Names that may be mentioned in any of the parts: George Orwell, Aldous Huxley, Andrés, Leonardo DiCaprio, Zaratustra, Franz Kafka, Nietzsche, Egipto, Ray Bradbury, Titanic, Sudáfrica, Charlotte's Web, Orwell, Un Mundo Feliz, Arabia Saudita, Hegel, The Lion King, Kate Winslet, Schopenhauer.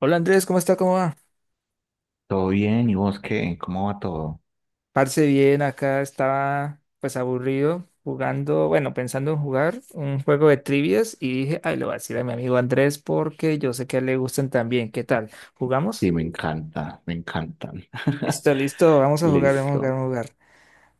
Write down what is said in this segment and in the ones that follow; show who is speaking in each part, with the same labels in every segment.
Speaker 1: Hola Andrés, ¿cómo está? ¿Cómo va?
Speaker 2: Todo bien, ¿y vos qué? ¿Cómo va todo?
Speaker 1: Parce bien, acá estaba pues aburrido jugando, bueno, pensando en jugar un juego de trivias y dije, ay, lo voy a decir a mi amigo Andrés porque yo sé que a él le gustan también. ¿Qué tal?
Speaker 2: Sí,
Speaker 1: ¿Jugamos?
Speaker 2: me encanta, me encantan.
Speaker 1: Listo, listo, vamos a jugar, vamos a jugar,
Speaker 2: Listo.
Speaker 1: vamos a jugar.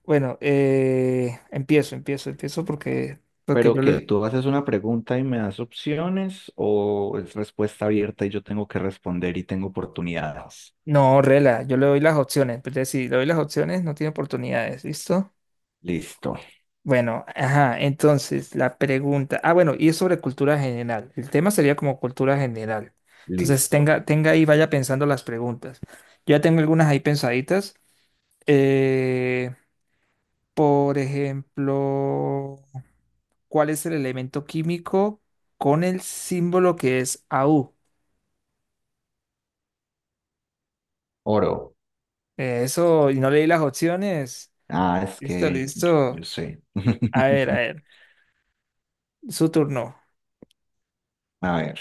Speaker 1: Bueno, empiezo porque, porque
Speaker 2: Pero
Speaker 1: yo le...
Speaker 2: que tú haces una pregunta y me das opciones, o es respuesta abierta y yo tengo que responder y tengo oportunidades.
Speaker 1: No, rela, yo le doy las opciones. Entonces, si le doy las opciones, no tiene oportunidades, ¿listo?
Speaker 2: Listo,
Speaker 1: Bueno, ajá, entonces la pregunta, ah, bueno, y es sobre cultura general. El tema sería como cultura general. Entonces
Speaker 2: listo.
Speaker 1: tenga ahí, vaya pensando las preguntas. Yo ya tengo algunas ahí pensaditas. Eh, por ejemplo, ¿cuál es el elemento químico con el símbolo que es AU?
Speaker 2: Oro.
Speaker 1: Eso, y no leí las opciones.
Speaker 2: Ah, es
Speaker 1: Listo,
Speaker 2: que yo
Speaker 1: listo.
Speaker 2: sé.
Speaker 1: A ver, su turno.
Speaker 2: A ver.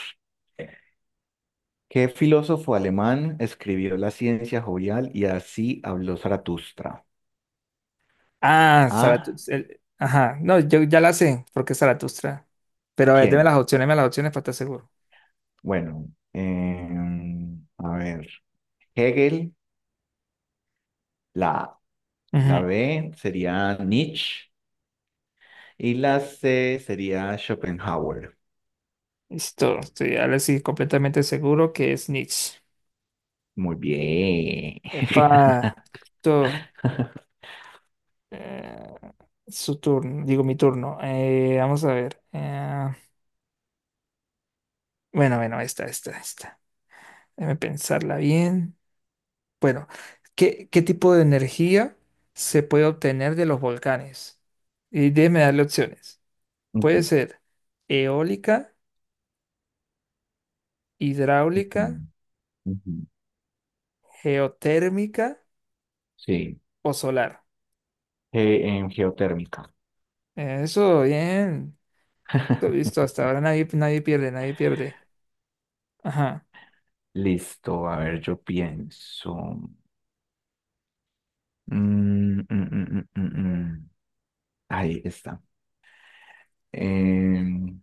Speaker 2: ¿Qué filósofo alemán escribió La ciencia jovial y Así habló Zaratustra?
Speaker 1: Ah,
Speaker 2: A.
Speaker 1: Zaratustra. Ajá, no, yo ya la sé, porque es Zaratustra. Pero a ver,
Speaker 2: ¿Quién?
Speaker 1: deme las opciones para estar seguro.
Speaker 2: Bueno, a ver, Hegel, la
Speaker 1: Ujú.
Speaker 2: La B sería Nietzsche y la C sería Schopenhauer.
Speaker 1: Listo, estoy ahora sí completamente seguro que es Nietzsche.
Speaker 2: Muy bien.
Speaker 1: Epa, esto, eh, su turno, digo mi turno. Vamos a ver. Bueno, bueno, esta, esta, esta. Déjame pensarla bien. Bueno, ¿qué tipo de energía se puede obtener de los volcanes? Y déjeme darle opciones.
Speaker 2: Ujú,
Speaker 1: Puede ser eólica, hidráulica,
Speaker 2: ujú, ujú.
Speaker 1: geotérmica
Speaker 2: Sí,
Speaker 1: o solar.
Speaker 2: en geotérmica.
Speaker 1: Eso, bien. Listo, listo, hasta ahora nadie pierde, nadie pierde. Ajá.
Speaker 2: Listo, a ver, yo pienso. Mm, mm, mm, mm, mm, mm. Ahí está. Em,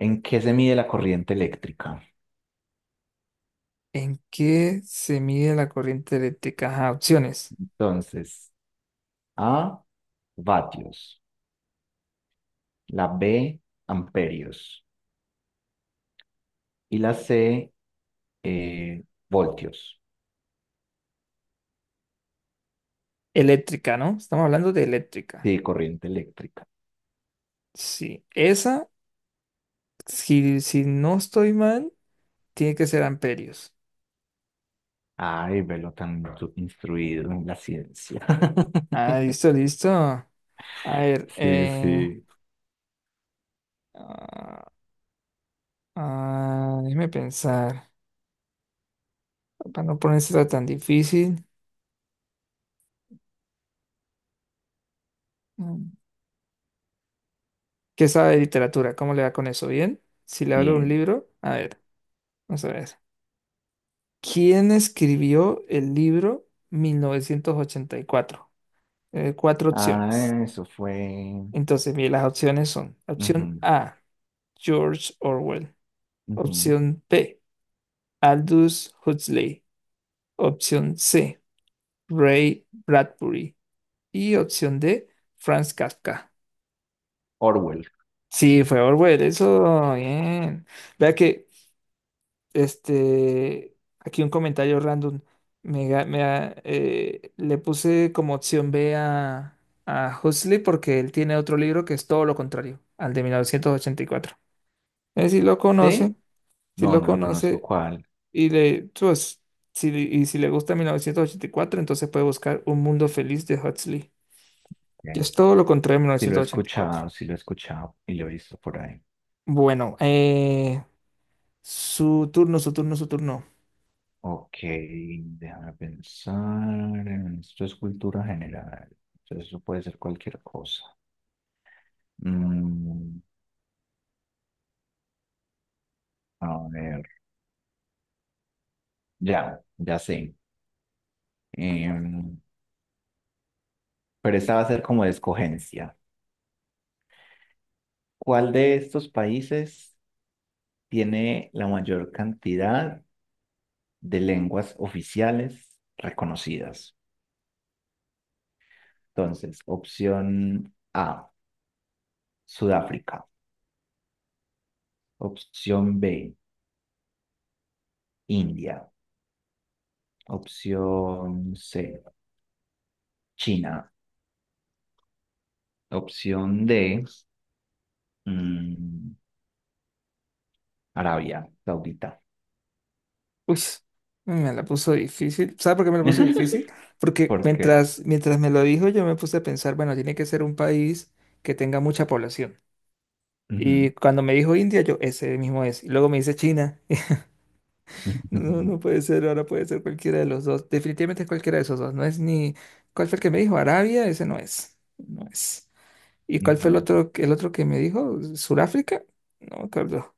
Speaker 2: ¿En qué se mide la corriente eléctrica?
Speaker 1: ¿En qué se mide la corriente eléctrica? Ajá, opciones.
Speaker 2: Entonces, A, vatios. La B, amperios. Y la C, voltios.
Speaker 1: Eléctrica, ¿no? Estamos hablando de eléctrica.
Speaker 2: Sí, corriente eléctrica.
Speaker 1: Sí, esa, si no estoy mal, tiene que ser amperios.
Speaker 2: Ay, velo tan instruido en la ciencia.
Speaker 1: Ah, listo, listo. A ver,
Speaker 2: Sí, sí.
Speaker 1: ah, ah, déjeme pensar. Para no ponerse tan difícil. Mm. ¿Qué sabe de literatura? ¿Cómo le va con eso? ¿Bien? Si le hablo de un
Speaker 2: Bien.
Speaker 1: libro, a ver, vamos a ver. ¿Quién escribió el libro 1984? Cuatro
Speaker 2: Ah,
Speaker 1: opciones.
Speaker 2: eso fue.
Speaker 1: Entonces, mire, las opciones son: opción
Speaker 2: Ujú,
Speaker 1: A, George Orwell.
Speaker 2: ujú.
Speaker 1: Opción B, Aldous Huxley. Opción C, Ray Bradbury. Y opción D, Franz Kafka.
Speaker 2: Orwell.
Speaker 1: Sí, fue Orwell, eso, bien. Vea que este, aquí un comentario random. Me, ga- me ha- le puse como opción B a Huxley porque él tiene otro libro que es todo lo contrario, al de 1984. Si lo conoce,
Speaker 2: ¿Sí?
Speaker 1: si
Speaker 2: No,
Speaker 1: lo
Speaker 2: no lo conozco
Speaker 1: conoce
Speaker 2: cuál.
Speaker 1: y le, pues, si, y si le gusta 1984, entonces puede buscar Un Mundo Feliz de Huxley, que es
Speaker 2: Bien.
Speaker 1: todo lo contrario a mil
Speaker 2: Sí, lo he
Speaker 1: novecientos ochenta y cuatro.
Speaker 2: escuchado, sí lo he escuchado y lo he visto por ahí.
Speaker 1: Bueno, su turno, su turno, su turno.
Speaker 2: Ok, déjame pensar. Esto es cultura general. Entonces, eso puede ser cualquier cosa. Mm, a ver, ya, ya sé. Em, pero esta va a ser como de escogencia. ¿Cuál de estos países tiene la mayor cantidad de lenguas oficiales reconocidas? Entonces, opción A, Sudáfrica. Opción B, India. Opción C, China. Opción D, mm, Arabia Saudita.
Speaker 1: Uy, me la puso difícil. ¿Sabes por qué me la puso difícil? Porque
Speaker 2: ¿Por qué?
Speaker 1: mientras me lo dijo, yo me puse a pensar, bueno, tiene que ser un país que tenga mucha población. Y
Speaker 2: Ujú.
Speaker 1: cuando me dijo India, yo ese mismo es. Y luego me dice China. No, no puede ser, ahora puede ser cualquiera de los dos. Definitivamente es cualquiera de esos dos. No es ni. ¿Cuál fue el que me dijo? Arabia, ese no es. No es. ¿Y cuál fue
Speaker 2: Ujú.
Speaker 1: el otro que me dijo? ¿Suráfrica? No me acuerdo.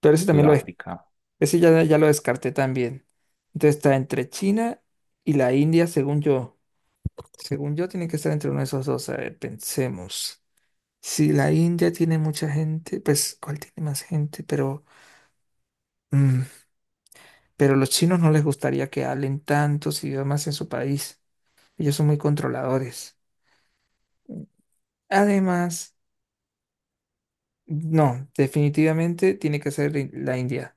Speaker 1: Pero ese también lo es.
Speaker 2: Sudáfrica.
Speaker 1: Ese ya, ya lo descarté también. Entonces está entre China y la India, según yo. Según yo, tiene que estar entre uno de esos dos. A ver, pensemos. Si la India tiene mucha gente, pues, ¿cuál tiene más gente? Pero, mm, pero los chinos no les gustaría que hablen tantos idiomas en su país. Ellos son muy controladores. Además, no, definitivamente tiene que ser la India.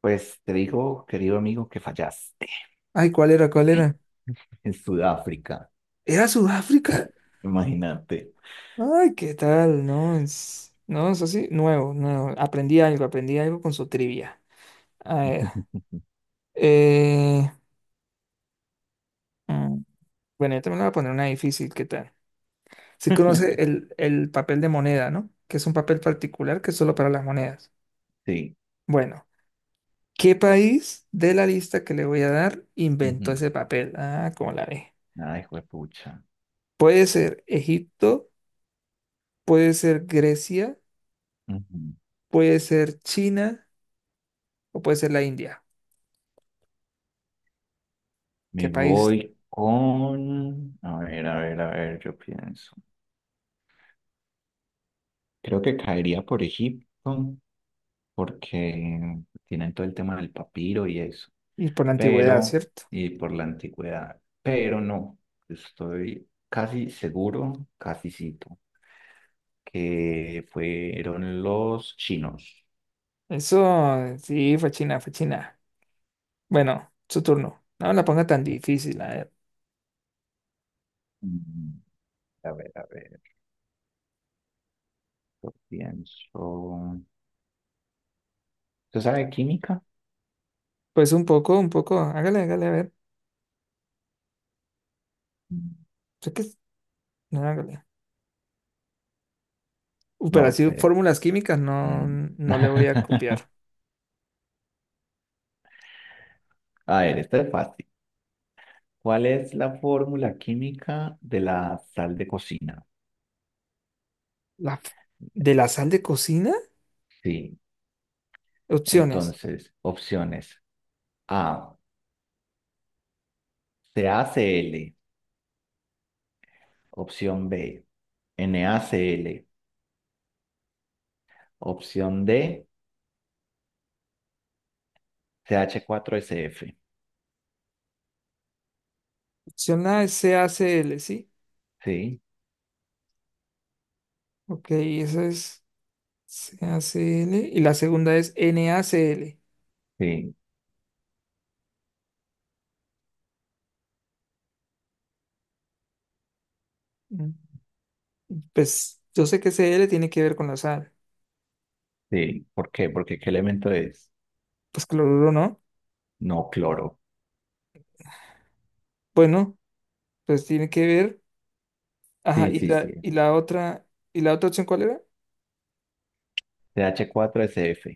Speaker 2: Pues te digo, querido amigo, que fallaste
Speaker 1: Ay, ¿cuál era? ¿Cuál era?
Speaker 2: en Sudáfrica.
Speaker 1: ¿Era Sudáfrica?
Speaker 2: Imagínate.
Speaker 1: Ay, ¿qué tal? No, es, no, es así, nuevo, nuevo. Aprendí algo con su trivia. A ver, eh, mm, bueno, yo también le voy a poner una difícil, ¿qué tal? ¿Sí conoce el papel de moneda, ¿no? Que es un papel particular que es solo para las monedas.
Speaker 2: Sí.
Speaker 1: Bueno, ¿qué país de la lista que le voy a dar inventó
Speaker 2: Ujú.
Speaker 1: ese papel? Ah, ¿cómo la ve?
Speaker 2: Ay, juepucha.
Speaker 1: Puede ser Egipto, puede ser Grecia,
Speaker 2: Ujú.
Speaker 1: puede ser China o puede ser la India. ¿Qué
Speaker 2: Me
Speaker 1: país?
Speaker 2: voy con... A ver, a ver, a ver, yo pienso. Creo que caería por Egipto, porque tienen todo el tema del papiro y eso.
Speaker 1: Y por la antigüedad,
Speaker 2: Pero,
Speaker 1: ¿cierto?
Speaker 2: y por la antigüedad. Pero no, estoy casi seguro, casi cito, que fueron los chinos.
Speaker 1: Eso, sí, fachina, fachina. Bueno, su turno. No la ponga tan difícil, a ver.
Speaker 2: Mm, A ver, a ver. Yo pienso. ¿Usted sabe de química?
Speaker 1: Pues un poco, un poco. Hágale, hágale, a ver.
Speaker 2: Mm,
Speaker 1: Sé que es- No, hágale. Pero
Speaker 2: no,
Speaker 1: así
Speaker 2: espere.
Speaker 1: fórmulas químicas no,
Speaker 2: Mm.
Speaker 1: no le voy a copiar.
Speaker 2: A ver, esto es fácil. ¿Cuál es la fórmula química de la sal de cocina?
Speaker 1: La, f- ¿De la sal de cocina?
Speaker 2: Sí.
Speaker 1: Opciones.
Speaker 2: Entonces, opciones. A, CaCl. Opción B, NaCl. Opción D, CH4SF.
Speaker 1: Opción A es C A C l, ¿sí?
Speaker 2: Sí,
Speaker 1: Ok, esa es c a C l. Y la segunda es n a NaCl.
Speaker 2: sí.
Speaker 1: Mm, pues yo sé que c l tiene que ver con la sal.
Speaker 2: Sí, ¿por qué? Porque, ¿qué elemento es?
Speaker 1: Pues cloruro, ¿no?
Speaker 2: No, cloro.
Speaker 1: Bueno, pues tiene que ver. Ajá,
Speaker 2: Sí, sí, sí.
Speaker 1: ¿y la otra opción cuál era?
Speaker 2: CH4SF.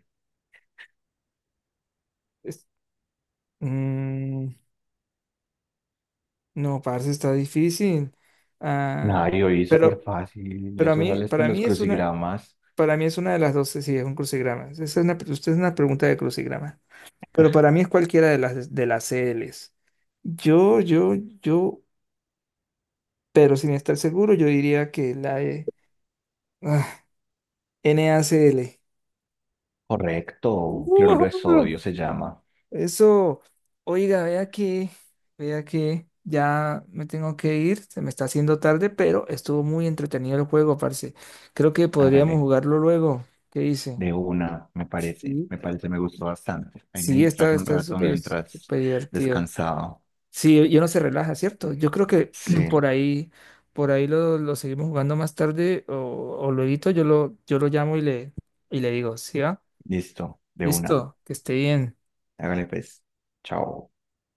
Speaker 1: Es- mm, no, parce, está difícil. Ah,
Speaker 2: Ay, oí, súper
Speaker 1: pero,
Speaker 2: fácil.
Speaker 1: pero a
Speaker 2: Eso
Speaker 1: mí,
Speaker 2: sale hasta en los crucigramas.
Speaker 1: para mí es una de las dos, sí, es un crucigrama. Esa es una, usted es una pregunta de crucigrama. Pero para mí es cualquiera de las c CLs. Yo, yo, yo, pero sin estar seguro, yo diría que la de, ah, NACL.
Speaker 2: Correcto. Cloruro de sodio se llama.
Speaker 1: Eso, oiga, vea que ya me tengo que ir, se me está haciendo tarde, pero estuvo muy entretenido el juego, parce. Creo que podríamos
Speaker 2: Hágale.
Speaker 1: jugarlo luego. ¿Qué dice?
Speaker 2: De una, me parece.
Speaker 1: Sí.
Speaker 2: Me parece, me gustó bastante. Ahí me
Speaker 1: Sí, está,
Speaker 2: distraje un
Speaker 1: está
Speaker 2: rato
Speaker 1: súper,
Speaker 2: mientras
Speaker 1: súper divertido.
Speaker 2: descansaba.
Speaker 1: Sí, y uno se relaja, ¿cierto? Yo creo que por
Speaker 2: Sí,
Speaker 1: ahí, lo seguimos jugando más tarde o, yo lo llamo y le digo, ¿sí va?
Speaker 2: listo. De una.
Speaker 1: Listo, que esté bien.
Speaker 2: Hágale pues. Chao.